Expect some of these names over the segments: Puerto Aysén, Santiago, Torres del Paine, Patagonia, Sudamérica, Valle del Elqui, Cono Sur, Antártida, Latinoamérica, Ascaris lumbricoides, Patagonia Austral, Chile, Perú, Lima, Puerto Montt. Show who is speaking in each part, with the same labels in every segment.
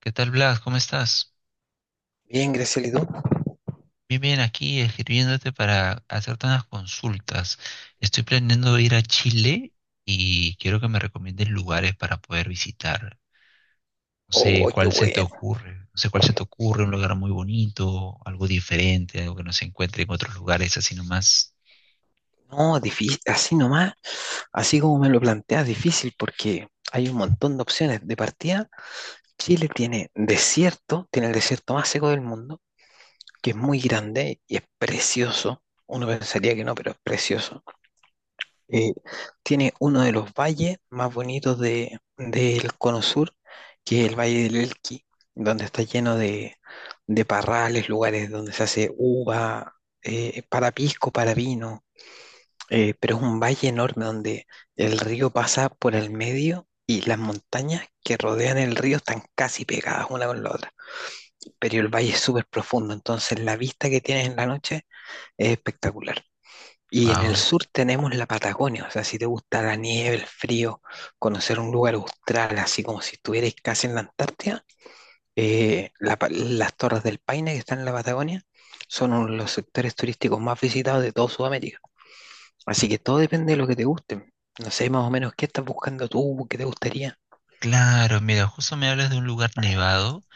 Speaker 1: ¿Qué tal, Blas? ¿Cómo estás?
Speaker 2: Bien, Graciela, ¿y tú?
Speaker 1: Bien, bien, aquí escribiéndote para hacerte unas consultas. Estoy planeando ir a Chile y quiero que me recomiendes lugares para poder visitar. No sé
Speaker 2: Oh, qué
Speaker 1: cuál se te
Speaker 2: bueno.
Speaker 1: ocurre, no sé cuál se te ocurre, un lugar muy bonito, algo diferente, algo que no se encuentre en otros lugares así nomás.
Speaker 2: No, difícil, así nomás, así como me lo planteas, difícil porque hay un montón de opciones. De partida, Chile tiene desierto, tiene el desierto más seco del mundo, que es muy grande y es precioso. Uno pensaría que no, pero es precioso. Eh, Tiene uno de los valles más bonitos del Cono Sur, que es el Valle del Elqui, donde está lleno de parrales, lugares donde se hace uva, para pisco, para vino, pero es un valle enorme donde el río pasa por el medio y las montañas que rodean el río están casi pegadas una con la otra. Pero el valle es súper profundo, entonces la vista que tienes en la noche es espectacular. Y en el
Speaker 1: Wow.
Speaker 2: sur tenemos la Patagonia, o sea, si te gusta la nieve, el frío, conocer un lugar austral, así como si estuvieras casi en la Antártida, las Torres del Paine que están en la Patagonia son uno de los sectores turísticos más visitados de toda Sudamérica. Así que todo depende de lo que te guste. No sé más o menos qué estás buscando tú, qué te gustaría.
Speaker 1: Claro, mira, justo me hablas de un lugar nevado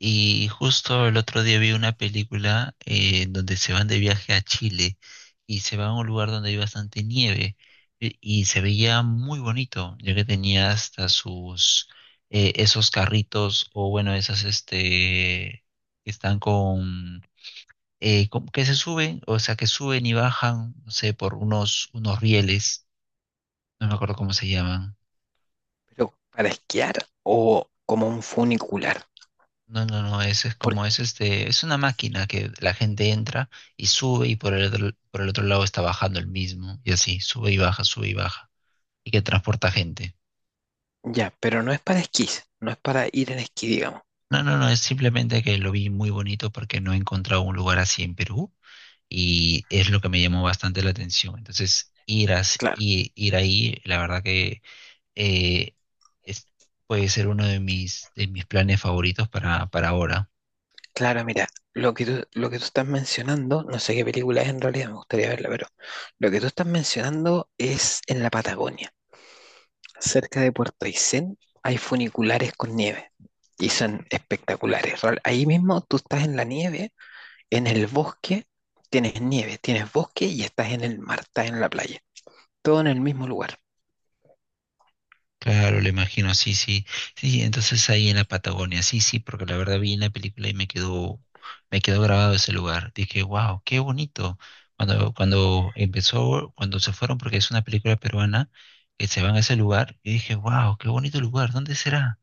Speaker 1: y justo el otro día vi una película donde se van de viaje a Chile y se van a un lugar donde hay bastante nieve y se veía muy bonito, ya que tenía hasta sus esos carritos o bueno, esas este que están con que se suben, o sea, que suben y bajan, no sé, por unos rieles, no me acuerdo cómo se llaman.
Speaker 2: Pero para esquiar o como un funicular.
Speaker 1: No, no, no, es como
Speaker 2: Porque,
Speaker 1: es este, es una máquina que la gente entra y sube y por el otro lado está bajando el mismo y así, sube y baja y que transporta gente.
Speaker 2: ya, pero no es para esquís, no es para ir en esquí, digamos.
Speaker 1: No, no, no, es simplemente que lo vi muy bonito porque no he encontrado un lugar así en Perú y es lo que me llamó bastante la atención. Entonces, ir,
Speaker 2: Claro,
Speaker 1: ir ahí, la verdad que eh, es- puede ser uno de mis planes favoritos para ahora.
Speaker 2: claro, mira, lo que tú estás mencionando, no sé qué película es en realidad, me gustaría verla, pero lo que tú estás mencionando es en la Patagonia. Cerca de Puerto Aysén hay funiculares con nieve y son espectaculares. Ahí mismo tú estás en la nieve. En el bosque tienes nieve, tienes bosque y estás en el mar, estás en la playa. Todo en el mismo lugar.
Speaker 1: Claro, le imagino, sí, sí, sí, sí, entonces ahí en la Patagonia, sí, sí, porque la verdad vi en la película y me quedó grabado ese lugar. Dije, wow, qué bonito. Cuando, cuando empezó, cuando se fueron, porque es una película peruana, que se van a ese lugar, y dije, wow, qué bonito lugar, ¿dónde será?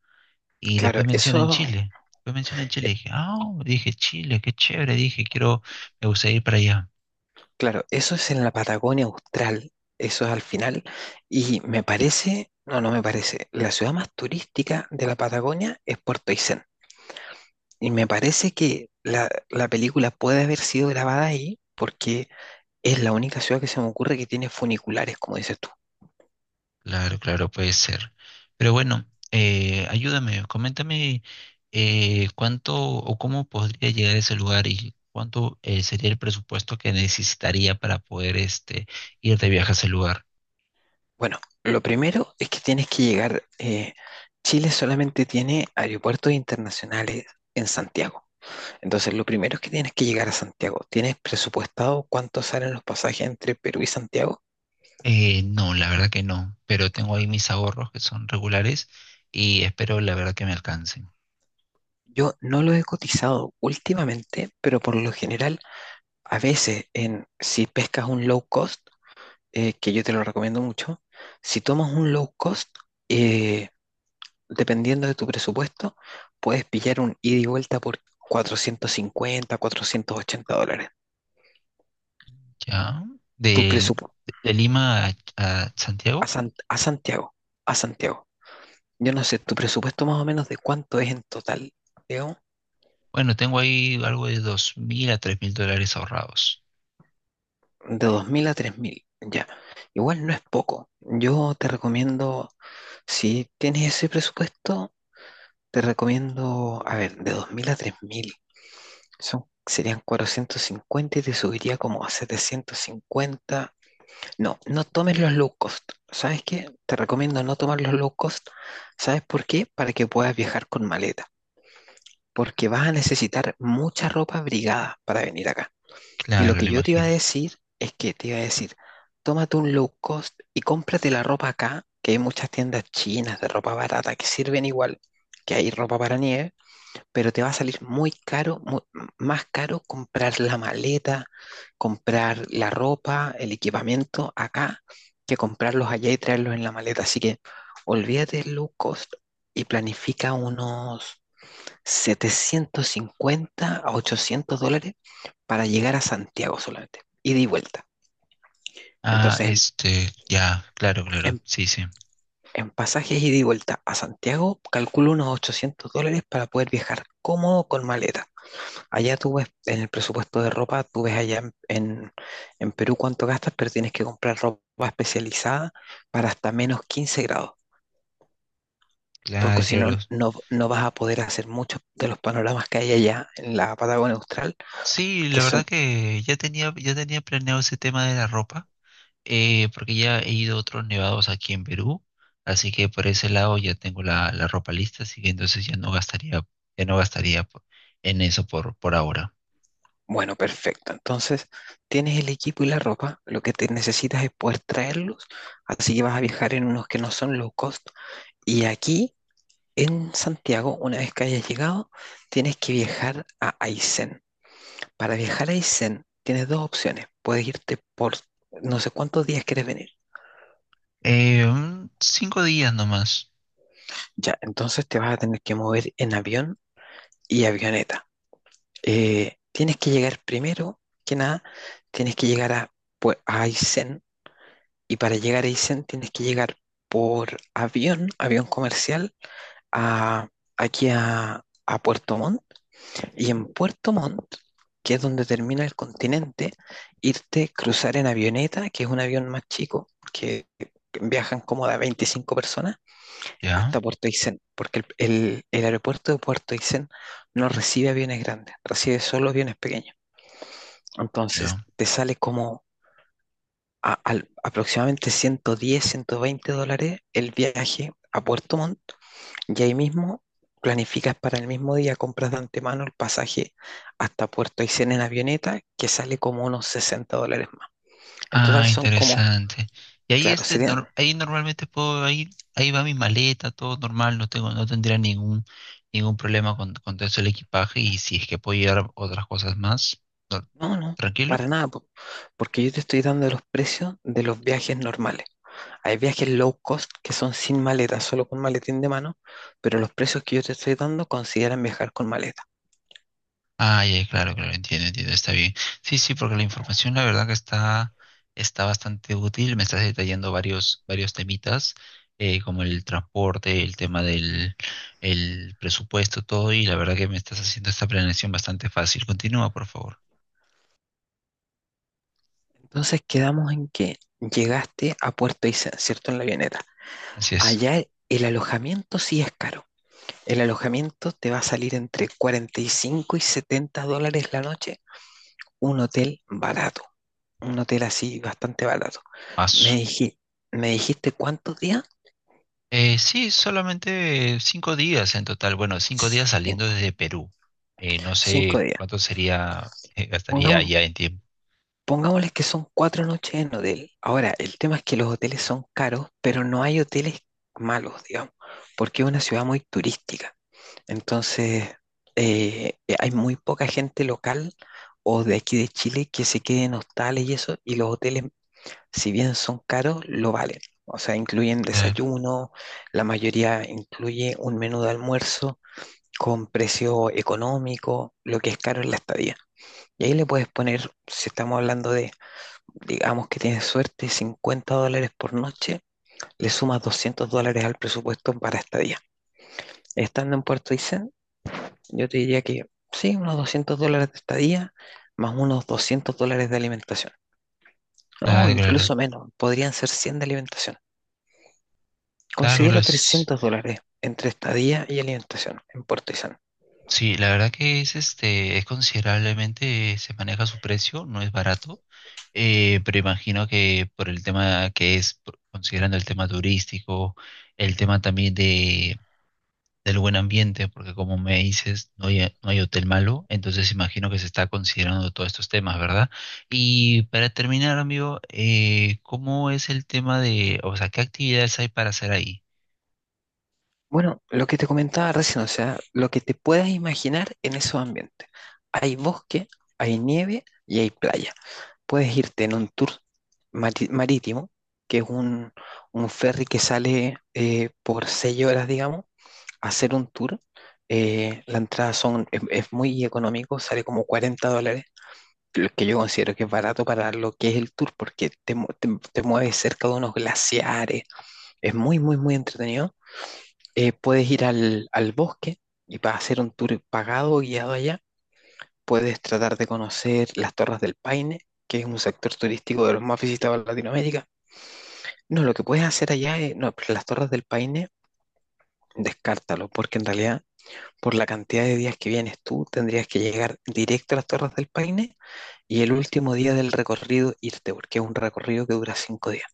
Speaker 1: Y
Speaker 2: Claro, eso,
Speaker 1: Después mencionan Chile,
Speaker 2: eh,
Speaker 1: dije, ah, dije, Chile, qué chévere, dije, quiero, me gusta ir para allá.
Speaker 2: claro, eso es en la Patagonia Austral. Eso es al final. Y me parece, no, no me parece. La ciudad más turística de la Patagonia es Puerto Aysén. Y me parece que la película puede haber sido grabada ahí porque es la única ciudad que se me ocurre que tiene funiculares, como dices tú.
Speaker 1: Claro, claro, puede ser. Pero bueno, ayúdame, coméntame cuánto o cómo podría llegar a ese lugar y cuánto sería el presupuesto que necesitaría para poder este, ir de viaje a ese lugar.
Speaker 2: Bueno, lo primero es que tienes que llegar. Chile solamente tiene aeropuertos internacionales en Santiago. Entonces, lo primero es que tienes que llegar a Santiago. ¿Tienes presupuestado cuánto salen los pasajes entre Perú y Santiago?
Speaker 1: No, la verdad que no, pero tengo ahí mis ahorros que son regulares y espero la verdad que me alcancen.
Speaker 2: Yo no lo he cotizado últimamente, pero por lo general, a veces, si pescas un low cost, que yo te lo recomiendo mucho, si tomas un low cost, eh, dependiendo de tu presupuesto, puedes pillar un ida y vuelta por 450, $480.
Speaker 1: ¿Ya?
Speaker 2: Tu
Speaker 1: Del-
Speaker 2: presupuesto
Speaker 1: De, Lima a
Speaker 2: a,
Speaker 1: Santiago,
Speaker 2: San- a Santiago, a Santiago. Yo no sé, tu presupuesto más o menos de cuánto es en total, Leo,
Speaker 1: bueno, tengo ahí algo de dos mil a tres mil dólares ahorrados.
Speaker 2: de 2000 a 3000, ya. Igual no es poco. Yo te recomiendo, si tienes ese presupuesto, te recomiendo, a ver, de 2000 a 3000. Son, serían 450 y te subiría como a 750. No, no tomes los low cost. ¿Sabes qué? Te recomiendo no tomar los low cost. ¿Sabes por qué? Para que puedas viajar con maleta. Porque vas a necesitar mucha ropa abrigada para venir acá. Y lo
Speaker 1: Claro,
Speaker 2: que
Speaker 1: lo
Speaker 2: yo te iba a
Speaker 1: imagino.
Speaker 2: decir es que te iba a decir, tómate un low cost y cómprate la ropa acá, que hay muchas tiendas chinas de ropa barata que sirven igual, que hay ropa para nieve, pero te va a salir muy más caro comprar la maleta, comprar la ropa, el equipamiento acá, que comprarlos allá y traerlos en la maleta. Así que olvídate del low cost y planifica unos 750 a $800 para llegar a Santiago solamente, ida y vuelta.
Speaker 1: Ah,
Speaker 2: Entonces,
Speaker 1: este, ya, claro, claro,
Speaker 2: en-
Speaker 1: sí, sí,
Speaker 2: en pasajes ida y vuelta a Santiago, calculo unos $800 para poder viajar cómodo con maleta. Allá tú ves en el presupuesto de ropa, tú ves allá en Perú cuánto gastas, pero tienes que comprar ropa especializada para hasta -15 grados, porque
Speaker 1: claro,
Speaker 2: si no,
Speaker 1: claro.
Speaker 2: no, no vas a poder hacer muchos de los panoramas que hay allá en la Patagonia Austral,
Speaker 1: Sí,
Speaker 2: que
Speaker 1: la verdad
Speaker 2: son,
Speaker 1: que ya tenía planeado ese tema de la ropa, porque ya he ido a otros nevados aquí en Perú, así que por ese lado ya tengo la, la ropa lista, así que entonces ya no gastaría, ya no gastaría po- en eso por ahora.
Speaker 2: bueno, perfecto. Entonces, tienes el equipo y la ropa, lo que te necesitas es poder traerlos, así que vas a viajar en unos que no son low cost. Y aquí, en Santiago, una vez que hayas llegado, tienes que viajar a Aysén. Para viajar a Isen tienes dos opciones. Puedes irte por no sé cuántos días quieres venir.
Speaker 1: Un cinco días nomás,
Speaker 2: Ya, entonces te vas a tener que mover en avión y avioneta. Tienes que llegar primero que nada, tienes que llegar a, pues, a Aysén, y para llegar a Aysén tienes que llegar por avión, avión comercial, a, aquí a Puerto Montt. Y en Puerto Montt, que es donde termina el continente, irte, cruzar en avioneta, que es un avión más chico, que viajan como de 25 personas,
Speaker 1: ya,
Speaker 2: hasta Puerto Aysén, porque el aeropuerto de Puerto Aysén no recibe aviones grandes, recibe solo aviones pequeños. Entonces,
Speaker 1: ya.
Speaker 2: te sale como aproximadamente 110, $120 el viaje a Puerto Montt y ahí mismo planificas para el mismo día, compras de antemano el pasaje hasta Puerto Aysén en avioneta, que sale como unos $60 más. En total
Speaker 1: Ah,
Speaker 2: son como,
Speaker 1: interesante. Y ahí
Speaker 2: claro,
Speaker 1: este,
Speaker 2: serían,
Speaker 1: ahí normalmente puedo ir, ahí va mi maleta, todo normal, no tengo, no tendría ningún, ningún problema con todo eso el equipaje y si es que puedo llevar otras cosas más, no-
Speaker 2: no, no,
Speaker 1: tranquilo.
Speaker 2: para nada, po, porque yo te estoy dando los precios de los viajes normales. Hay viajes low cost que son sin maleta, solo con maletín de mano, pero los precios que yo te estoy dando consideran viajar con maleta.
Speaker 1: Ah, ya, claro, claro, entiendo, entiendo, está bien. Sí, sí, porque la información la verdad que está, está bastante útil, me estás detallando varios, varios temitas, como el transporte, el tema del el presupuesto, todo, y la verdad que me estás haciendo esta planeación bastante fácil. Continúa, por favor.
Speaker 2: Entonces quedamos en que llegaste a Puerto Aysén, ¿cierto? En la avioneta.
Speaker 1: Así es.
Speaker 2: Allá el alojamiento sí es caro. El alojamiento te va a salir entre 45 y $70 la noche, un hotel barato, un hotel así bastante barato. Me
Speaker 1: Paso.
Speaker 2: diji- ¿Me dijiste cuántos días?
Speaker 1: Sí, solamente cinco días en total. Bueno, cinco días saliendo
Speaker 2: Cinco.
Speaker 1: desde Perú. No
Speaker 2: Cinco
Speaker 1: sé
Speaker 2: días.
Speaker 1: cuánto sería, gastaría
Speaker 2: Pongamos,
Speaker 1: allá en tiempo.
Speaker 2: Pongámosles que son 4 noches en hotel. Ahora, el tema es que los hoteles son caros, pero no hay hoteles malos, digamos, porque es una ciudad muy turística. Entonces, hay muy poca gente local o de aquí de Chile que se quede en hostales y eso, y los hoteles, si bien son caros, lo valen. O sea, incluyen
Speaker 1: Claro,
Speaker 2: desayuno, la mayoría incluye un menú de almuerzo con precio económico, lo que es caro es la estadía. Y ahí le puedes poner, si estamos hablando de, digamos que tienes suerte, $50 por noche, le sumas $200 al presupuesto para estadía. Estando en Puerto Aysén, yo te diría que sí, unos $200 de estadía, más unos $200 de alimentación. No,
Speaker 1: claro, claro.
Speaker 2: incluso menos, podrían ser 100 de alimentación.
Speaker 1: Claro,
Speaker 2: Considera
Speaker 1: las-
Speaker 2: $300 entre estadía y alimentación en Puerto Aysén.
Speaker 1: sí, la verdad que es este, es considerablemente, se maneja su precio, no es barato. Pero imagino que por el tema que es, por- considerando el tema turístico, el tema también de del buen ambiente, porque como me dices, no hay, no hay hotel malo, entonces imagino que se está considerando todos estos temas, ¿verdad? Y para terminar, amigo, ¿cómo es el tema de, o sea, qué actividades hay para hacer ahí?
Speaker 2: Bueno, lo que te comentaba recién, o sea, lo que te puedas imaginar en esos ambientes. Hay bosque, hay nieve y hay playa. Puedes irte en un tour marítimo, que es un ferry que sale por 6 horas, digamos, a hacer un tour. La entrada son, Es muy económico, sale como $40, lo que yo considero que es barato para lo que es el tour, porque te mueves cerca de unos glaciares, es muy, muy, muy entretenido. Puedes ir al bosque y para hacer un tour pagado, guiado allá, puedes tratar de conocer las Torres del Paine, que es un sector turístico de los más visitados en Latinoamérica. No, lo que puedes hacer allá es, no, pero las Torres del Paine, descártalo, porque en realidad, por la cantidad de días que vienes tú, tendrías que llegar directo a las Torres del Paine y el último día del recorrido irte, porque es un recorrido que dura 5 días.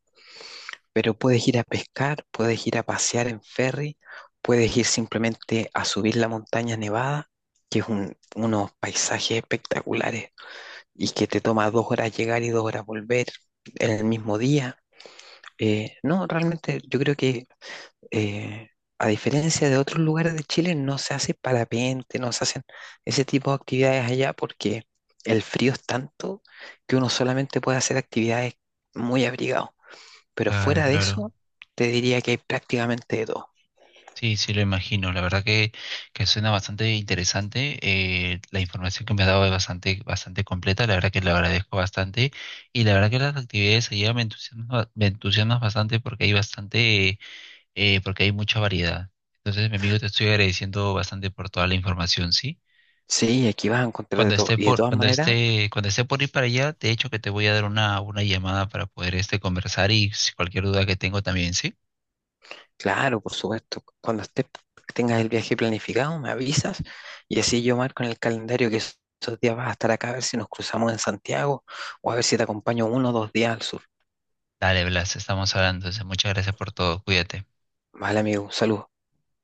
Speaker 2: Pero puedes ir a pescar, puedes ir a pasear en ferry, puedes ir simplemente a subir la montaña nevada, que es unos paisajes espectaculares, y que te toma 2 horas llegar y 2 horas volver en el mismo día. No, realmente yo creo que eh, a diferencia de otros lugares de Chile no se hace parapente, no se hacen ese tipo de actividades allá porque el frío es tanto que uno solamente puede hacer actividades muy abrigado. Pero
Speaker 1: Claro,
Speaker 2: fuera de
Speaker 1: claro.
Speaker 2: eso, te diría que hay prácticamente de todo.
Speaker 1: Sí, sí, lo imagino. La verdad que suena bastante interesante. La información que me has dado es bastante, bastante completa. La verdad que le agradezco bastante. Y la verdad que las actividades allá me entusiasman bastante porque hay mucha variedad. Entonces, mi amigo, te estoy agradeciendo bastante por toda la información, ¿sí?
Speaker 2: Sí, aquí vas a encontrar de todo. Y de todas maneras,
Speaker 1: Cuando esté por ir para allá, de hecho que te voy a dar una llamada para poder este conversar y si cualquier duda que tengo también, ¿sí?
Speaker 2: claro, por supuesto. Cuando estés, tengas el viaje planificado, me avisas y así yo marco en el calendario que esos días vas a estar acá a ver si nos cruzamos en Santiago o a ver si te acompaño uno o dos días al sur.
Speaker 1: Dale, Blas, estamos hablando. Entonces, muchas gracias por todo. Cuídate.
Speaker 2: Vale, amigo, salud.